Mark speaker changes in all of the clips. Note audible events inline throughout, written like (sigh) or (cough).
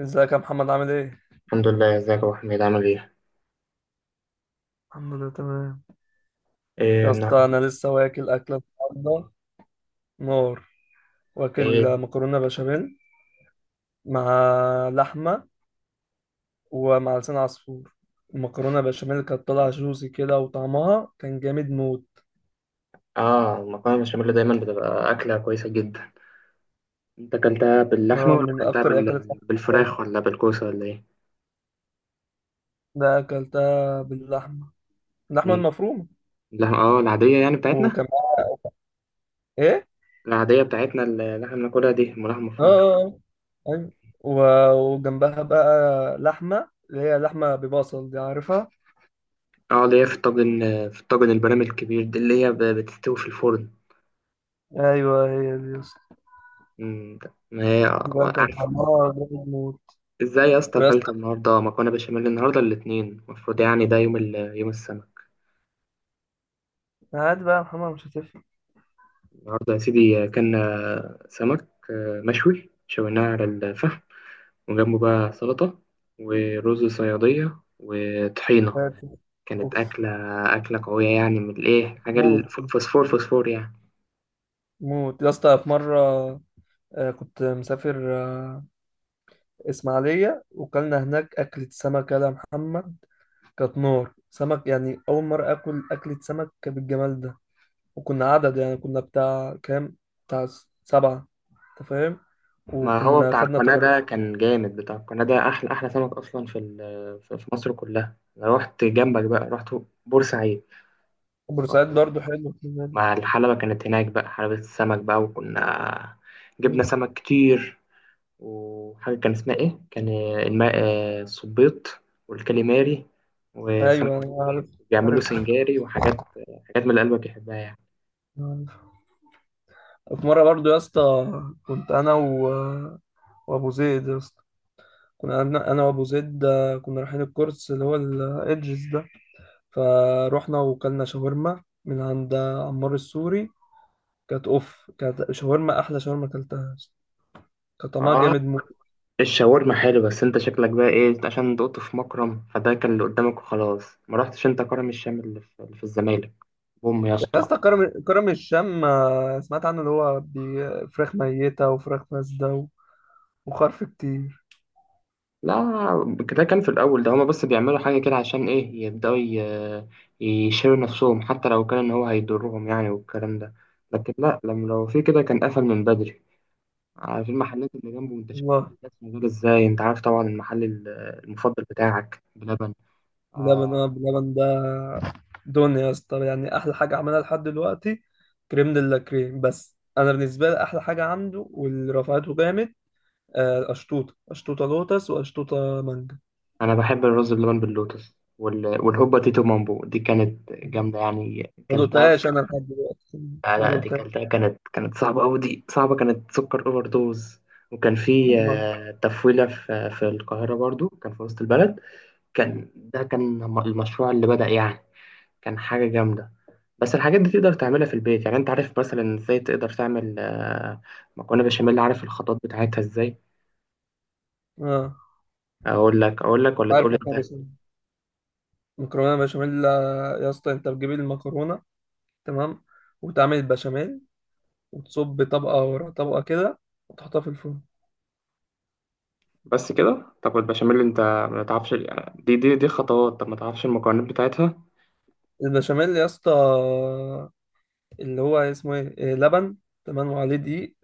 Speaker 1: ازيك يا محمد، عامل ايه؟
Speaker 2: الحمد لله، ازيك يا ابو حميد عامل ايه؟
Speaker 1: الحمد لله، تمام.
Speaker 2: ايه
Speaker 1: يا اسطى،
Speaker 2: النهارده؟
Speaker 1: انا لسه واكل اكله النهارده، نار.
Speaker 2: ايه
Speaker 1: واكل مكرونه بشاميل مع لحمه ومع لسان عصفور. المكرونه بشاميل كانت طالعه جوسي كده، وطعمها كان جامد موت.
Speaker 2: اه المكرونه البشاميل دايما بتبقى اكله كويسه جدا. انت اكلتها باللحمه
Speaker 1: آه،
Speaker 2: ولا
Speaker 1: من
Speaker 2: اكلتها
Speaker 1: اكتر الاكلات اللي بحبها.
Speaker 2: بالفراخ ولا بالكوسه ولا ايه؟
Speaker 1: ده اكلتها باللحمه، اللحمه
Speaker 2: مم.
Speaker 1: المفرومه.
Speaker 2: اللحمه العاديه يعني بتاعتنا.
Speaker 1: وكان معاها ايه؟
Speaker 2: العاديه بتاعتنا اللي احنا بناكلها دي لحمه
Speaker 1: اه.
Speaker 2: مفرومه.
Speaker 1: آه. آه. ايوه. وجنبها بقى لحمه، اللي هي لحمه ببصل دي، عارفها؟
Speaker 2: اه اللي هي في الطاجن، في الطاجن البرامي الكبير دي اللي هي بتستوي في الفرن.
Speaker 1: ايوه، هي دي.
Speaker 2: مم. ما هي
Speaker 1: ده كان
Speaker 2: عارف.
Speaker 1: حمار جامد موت.
Speaker 2: ازاي يا اسطى
Speaker 1: ويا
Speaker 2: اكلت
Speaker 1: اسطى،
Speaker 2: النهارده مكرونه بشاميل؟ النهارده الاثنين، المفروض يعني ده يوم السبت.
Speaker 1: هات بقى يا محمد، مش هتفرق.
Speaker 2: النهاردة يا سيدي أكلنا سمك، مشوي، شويناه على الفحم، وجنبه بقى سلطة ورز صيادية وطحينة.
Speaker 1: هات.
Speaker 2: كانت
Speaker 1: اوف.
Speaker 2: أكلة قوية، يعني من الإيه، حاجة
Speaker 1: موت دي.
Speaker 2: الفوسفور، فوسفور يعني.
Speaker 1: موت يا اسطى. في مرة كنت مسافر، إسماعيلية، وكلنا هناك أكلة سمك يا محمد. كانت نار سمك، يعني أول مرة آكل أكلة سمك بالجمال ده. وكنا عدد، يعني كنا بتاع كام، بتاع سبعة، أنت فاهم.
Speaker 2: ما هو
Speaker 1: وكنا
Speaker 2: بتاع
Speaker 1: خدنا
Speaker 2: القناة
Speaker 1: ترابيزة.
Speaker 2: ده كان جامد، بتاع القناة ده أحلى سمك أصلا في في مصر كلها. أنا رحت جنبك بقى، رحت بورسعيد. رحت
Speaker 1: بورسعيد
Speaker 2: بقى
Speaker 1: برضه حلو. (laughs)
Speaker 2: مع الحلبة، كانت هناك بقى حلبة السمك بقى، وكنا جبنا سمك كتير. وحاجة كان اسمها إيه؟ كان الماء، الصبيط والكاليماري
Speaker 1: أيوه، أنا عارف،
Speaker 2: وسمبوري، بيعملوا
Speaker 1: عارف.
Speaker 2: سنجاري وحاجات، حاجات من اللي قلبك يحبها يعني.
Speaker 1: في مرة برضو يا اسطى، كنت أنا وأبو زيد يا اسطى. كنا أنا وأبو زيد. كنا رايحين الكورس اللي هو الإدجز ده. فروحنا وكلنا شاورما من عند عمار السوري. كانت أوف، كانت شاورما، أحلى شاورما أكلتها يا اسطى. كان طعمها
Speaker 2: آه،
Speaker 1: جامد موت.
Speaker 2: الشاورما حلو، بس أنت شكلك بقى إيه؟ عشان دقت في مكرم، فده كان اللي قدامك وخلاص، ما رحتش أنت كرم الشام اللي في الزمالك. بوم يا
Speaker 1: يا
Speaker 2: اسطى.
Speaker 1: اسطى، كرم الشام، سمعت عنه، اللي هو فراخ ميتة وفراخ فاسدة وخرف كتير.
Speaker 2: لا، ده كان في الأول، ده هما بس بيعملوا حاجة كده عشان إيه، يبدأوا يشيلوا نفسهم حتى لو كان إن هو هيضرهم يعني، والكلام ده. لكن لا، لما لو في كده كان قفل من بدري. على في المحلات اللي جنبه، انت شايف
Speaker 1: والله.
Speaker 2: المحلات موجودة ازاي؟ انت عارف طبعا المفضل بتاعك بلبن.
Speaker 1: بلبن
Speaker 2: آه،
Speaker 1: اه بلبن ده دنيا يا اسطى، يعني احلى حاجه عملها لحد دلوقتي. كريم دي لا كريم، بس انا بالنسبه لي احلى حاجه عنده واللي رفعته جامد، اشطوطه، اشطوطه لوتس واشطوطه مانجا.
Speaker 2: انا بحب الرز بلبن باللوتس والهوبا تيتو مامبو، دي كانت جامدة يعني،
Speaker 1: ما
Speaker 2: كلتها
Speaker 1: دقتهاش انا لحد دلوقتي،
Speaker 2: آه
Speaker 1: ما
Speaker 2: لا، دي
Speaker 1: دقتهاش،
Speaker 2: كلتها، كانت صعبة أوي، دي صعبة، كانت سكر اوفر دوز. وكان في
Speaker 1: والله.
Speaker 2: تفويلة في القاهرة، برضو كان في وسط البلد. كان ده كان المشروع اللي بدأ يعني، كان حاجة جامدة. بس الحاجات دي تقدر تعملها في البيت يعني. انت عارف مثلا ازاي تقدر تعمل مكرونة بشاميل؟ عارف الخطوات بتاعتها ازاي؟
Speaker 1: اه،
Speaker 2: اقول لك، اقول لك ولا
Speaker 1: عارف
Speaker 2: تقول انت؟
Speaker 1: خالص. مكرونه بشاميل، يا اسطى، انت بتجيب المكرونه، تمام، وتعمل البشاميل، وتصب طبقه ورا طبقه كده، وتحطها في الفرن.
Speaker 2: بس كده؟ طب البشاميل انت ما تعرفش دي خطوات، طب ما تعرفش المكونات بتاعتها.
Speaker 1: البشاميل يا اسطى، اللي هو اسمه ايه، لبن، تمام، وعليه دقيق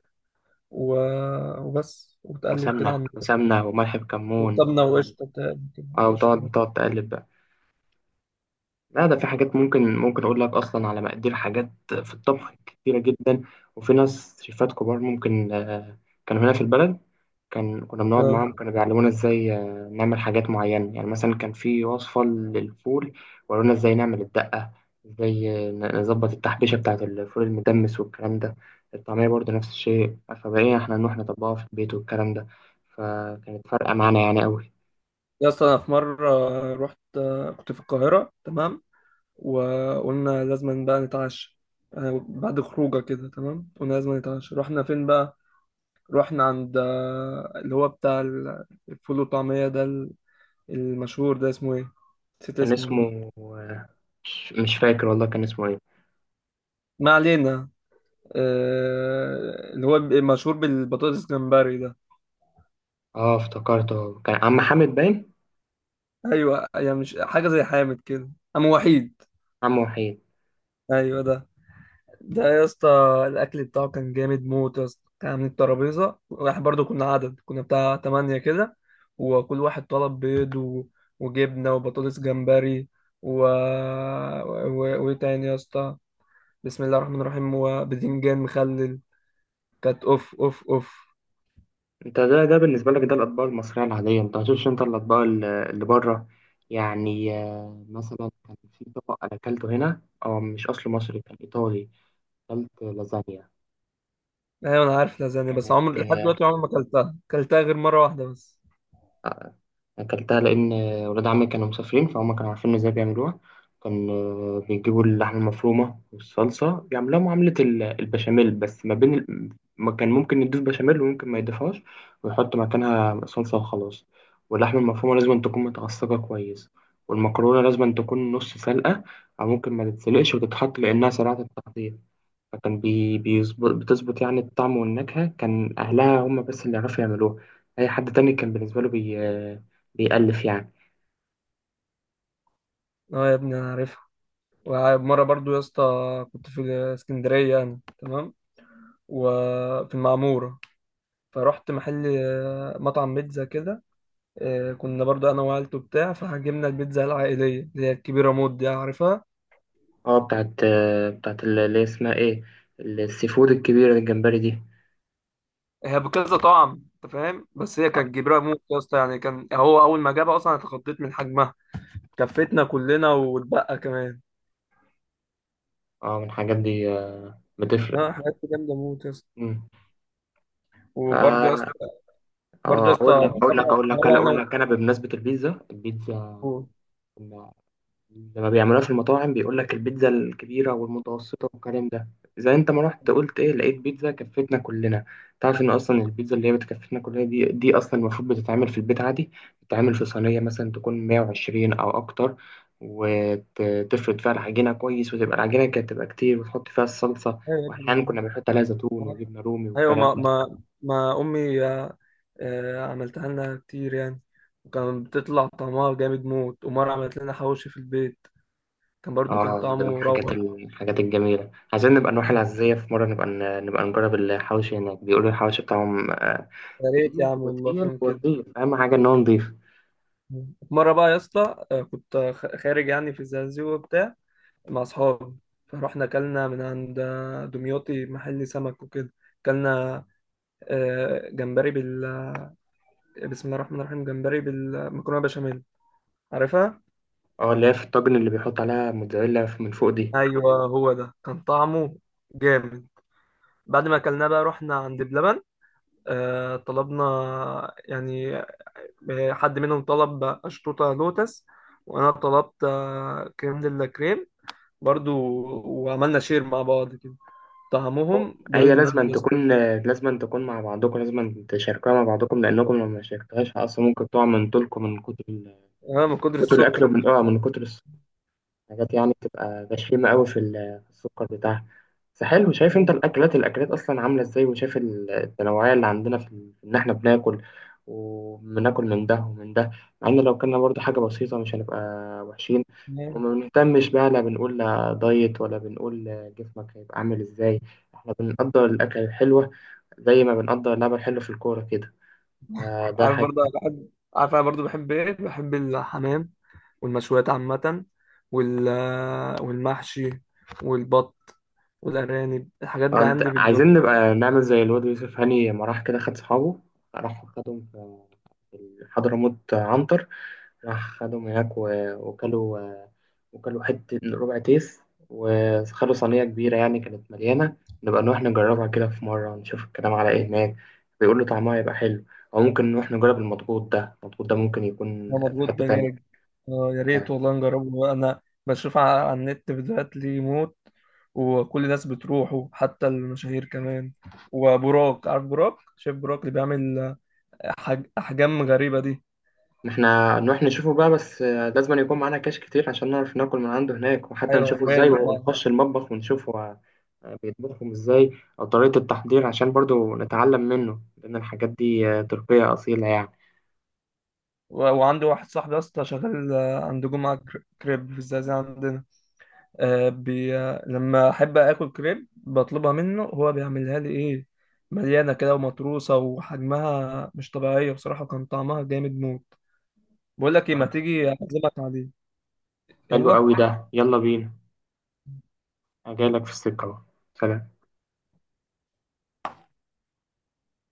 Speaker 1: و... وبس، وتقلب كده عند،
Speaker 2: وسمنة وملح بكمون.
Speaker 1: وسمنة وقشطة، بتحط
Speaker 2: او
Speaker 1: قشطة
Speaker 2: تقعد،
Speaker 1: بقى.
Speaker 2: تقلب بقى. لا، ده في حاجات، ممكن اقول لك اصلا على مقادير، حاجات في الطبخ كتيرة جدا. وفي ناس شيفات كبار، ممكن كانوا هنا في البلد، كنا بنقعد معاهم،
Speaker 1: اه
Speaker 2: كانوا بيعلمونا ازاي نعمل حاجات معينة يعني. مثلا كان في وصفة للفول، ورونا ازاي نعمل الدقة، ازاي نظبط التحبيشة بتاعة الفول المدمس والكلام ده. الطعمية برضه نفس الشيء. فبقينا احنا نروح نطبقها في البيت والكلام ده، فكانت فارقة معانا يعني قوي.
Speaker 1: يا اسطى، أنا في مرة رحت، كنت في القاهرة، تمام. وقلنا لازم بقى نتعشى، بعد خروجة كده، تمام، قلنا لازم نتعشى. رحنا فين بقى؟ رحنا عند، اللي هو بتاع الفول والطعمية ده، المشهور ده. اسمه ايه؟ نسيت
Speaker 2: كان
Speaker 1: اسمه، والله.
Speaker 2: اسمه، مش فاكر والله كان اسمه ايه.
Speaker 1: ما علينا. اللي هو مشهور بالبطاطس جمبري ده.
Speaker 2: اه، افتكرته، كان عم حامد باين.
Speaker 1: ايوه، يعني مش حاجه زي حامد كده. وحيد.
Speaker 2: عم وحيد.
Speaker 1: ايوه ده. ده يا اسطى، الاكل بتاعه كان جامد موت يا اسطى. كان عاملين الترابيزه، واحنا برضو كنا عدد، كنا بتاع تمانية كده. وكل واحد طلب بيض وجبنه وبطاطس جمبري، وايه تاني يا اسطى؟ بسم الله الرحمن الرحيم، وباذنجان مخلل. كانت اوف اوف اوف.
Speaker 2: انت ده بالنسبه لك ده الاطباق المصريه العاديه، انت هتشوفش انت الاطباق اللي بره يعني. مثلا كان في طبق انا اكلته هنا، او مش اصله مصري، كان ايطالي. اكلت لازانيا.
Speaker 1: ايوه، انا عارف لازانيا، بس عمر
Speaker 2: كانت
Speaker 1: لحد دلوقتي، عمري ما اكلتها، اكلتها غير مره واحده بس.
Speaker 2: أكلتها لأن ولاد عمي كانوا مسافرين، فهم كانوا عارفين إزاي بيعملوها. كان بيجيبوا اللحمة المفرومة والصلصة، بيعملوها معاملة البشاميل، بس ما بين ما كان ممكن يضيف بشاميل وممكن ما يضيفهاش ويحط مكانها صلصة وخلاص. واللحمة المفرومة لازم تكون متعصجة كويس، والمكرونة لازم تكون نص سلقة، أو ممكن ما تتسلقش وتتحط لأنها سريعة التحضير. فكان بيظبط، بتظبط يعني الطعم والنكهة. كان أهلها هم بس اللي يعرفوا يعملوها، أي حد تاني كان بالنسبة له بيألف يعني.
Speaker 1: اه يا ابني، انا عارفها. ومرة برضو يا اسطى، كنت في اسكندرية أنا، تمام. وفي المعمورة، فرحت محل، مطعم بيتزا كده. كنا برضو أنا وعيلته بتاع، فجبنا البيتزا العائلية، اللي هي الكبيرة موت دي، عارفها؟
Speaker 2: اه بتاعت، بتاعت اللي هي اسمها ايه، السي فود الكبيرة الجمبري دي.
Speaker 1: هي بكذا طعم، أنت فاهم، بس هي كانت كبيرة موت يا اسطى. يعني كان هو أول ما جابها، أصلا أنا اتخضيت من حجمها. كفتنا كلنا واتبقى كمان.
Speaker 2: اه، من الحاجات دي بتفرق.
Speaker 1: ها، حاجات جامدة موت يا اسطى.
Speaker 2: مم.
Speaker 1: وبرضو يا
Speaker 2: اه
Speaker 1: اسطى برضو يا اسطى
Speaker 2: اقول لك، اقول لك
Speaker 1: مرة
Speaker 2: اقول لك
Speaker 1: مرة
Speaker 2: اقول
Speaker 1: أنا.
Speaker 2: لك انا بمناسبة البيتزا،
Speaker 1: و...
Speaker 2: كنا لما بيعملوها في المطاعم بيقول لك البيتزا الكبيرة والمتوسطة والكلام ده. زي انت ما رحت قلت ايه، لقيت بيتزا كفتنا كلنا. تعرف ان اصلا البيتزا اللي هي بتكفتنا كلنا دي اصلا المفروض بتتعمل في البيت عادي. بتتعمل في صينية مثلا تكون 120 او اكتر، وتفرد فيها العجينة كويس، وتبقى العجينة كانت تبقى كتير، وتحط فيها الصلصة.
Speaker 1: أيوة يا
Speaker 2: واحيانا كنا
Speaker 1: ابني.
Speaker 2: بنحط عليها زيتون وجبنة رومي
Speaker 1: ايوه،
Speaker 2: والكلام
Speaker 1: ما
Speaker 2: ده.
Speaker 1: ما ما امي، عملتها لنا كتير يعني. وكان بتطلع طعمها جامد موت. ومرة عملت لنا حواوشي في البيت، كان برضو كان
Speaker 2: اه، ده من
Speaker 1: طعمه روعة.
Speaker 2: الحاجات الجميلة. عايزين نبقى نروح العزية في مرة، نبقى نجرب الحوشي هناك، بيقولوا الحوشي بتاعهم
Speaker 1: يا ريت يا
Speaker 2: تقيل،
Speaker 1: عم، والله، في يوم كده.
Speaker 2: ونضيف، أهم حاجة إن هو نضيف.
Speaker 1: مرة بقى يا اسطى، كنت خارج يعني في الزقازيق وبتاع، مع أصحابي. فروحنا أكلنا من عند، دمياطي، محل سمك وكده. أكلنا جمبري بسم الله الرحمن الرحيم، جمبري بالمكرونة بشاميل، عارفها؟
Speaker 2: اه اللي هي في الطاجن، اللي بيحط عليها موتزاريلا من فوق دي.
Speaker 1: أيوه، هو ده كان طعمه جامد. بعد ما اكلناه بقى، رحنا عند بلبن. طلبنا يعني، حد منهم طلب اشطوطه لوتس، وانا طلبت كريم دي لا كريم برضو. وعملنا شير مع بعض كده.
Speaker 2: هو-
Speaker 1: طعمهم جامد
Speaker 2: هي
Speaker 1: موت
Speaker 2: لازم
Speaker 1: يا اسطى.
Speaker 2: تكون، لازم تكون مع بعضكم، لازم تشاركوها مع بعضكم، لأنكم لو ما شاركتوهاش أصلا ممكن تقع من طولكم من كتر
Speaker 1: اه، من كتر
Speaker 2: كتر الأكل،
Speaker 1: السكر اللي
Speaker 2: ومن
Speaker 1: فيه.
Speaker 2: من كتر حاجات يعني بتبقى غشيمة قوي في السكر بتاعها. بس حلو، شايف انت الاكلات، اصلا عامله ازاي، وشايف التنوعيه اللي عندنا في ان احنا بناكل، وبناكل من ده ومن ده. مع ان لو كنا برضو حاجه بسيطه مش هنبقى وحشين.
Speaker 1: نعم.
Speaker 2: وما بنهتمش بقى، لا بنقول لا دايت، ولا بنقول لا جسمك هيبقى عامل ازاي. احنا بنقدر الاكل الحلوه زي ما بنقدر اللعبه الحلوه في الكوره كده. آه، ده
Speaker 1: عارف،
Speaker 2: حاجه
Speaker 1: برضه أنا بحب، عارف، انا برضه بحب ايه، بحب الحمام والمشويات عامة، والمحشي والبط والأرانب. الحاجات
Speaker 2: آه،
Speaker 1: دي
Speaker 2: انت
Speaker 1: عندي بالدنيا.
Speaker 2: عايزين نبقى نعمل زي الواد يوسف هاني، لما راح كده خد صحابه، راح خدهم في في حضرموت عنتر، راح خدهم هناك وكلوا، وكلوا حتة ربع تيس، وخدوا صينية كبيرة يعني كانت مليانة. نبقى نروح نجربها كده في مرة، نشوف الكلام على ايه هناك. بيقولوا طعمها يبقى حلو. أو ممكن نروح نجرب المضغوط ده، المضغوط ده ممكن يكون
Speaker 1: انا
Speaker 2: في
Speaker 1: مضغوط
Speaker 2: حتة تانية.
Speaker 1: دجاج، اه يا ريت والله نجربه. انا بشوف على النت فيديوهات ليه موت. وكل الناس بتروحه، حتى المشاهير كمان. وبراك، عارف براك، شايف براك اللي بيعمل احجام غريبة دي.
Speaker 2: إن احنا نروح نشوفه بقى، بس لازم يكون معانا كاش كتير عشان نعرف ناكل من عنده هناك، وحتى
Speaker 1: ايوه،
Speaker 2: نشوفه ازاي،
Speaker 1: غالي فعلا.
Speaker 2: ونخش المطبخ ونشوفه بيطبخهم ازاي، او طريقة التحضير، عشان برضو نتعلم منه، لان الحاجات دي تركية اصيلة يعني.
Speaker 1: وعندي واحد صاحبي اصلا شغال، عند جمعة كريب في الزقازيق عندنا. لما احب اكل كريب بطلبها منه، هو بيعملها لي ايه، مليانة كده ومطروسة، وحجمها مش طبيعية بصراحة. كان طعمها جامد موت. بقول لك ايه، ما تيجي اعزمك عليه؟
Speaker 2: حلو
Speaker 1: يلا.
Speaker 2: قوي ده، يلا بينا. أنا جايلك في السكة اهو. سلام.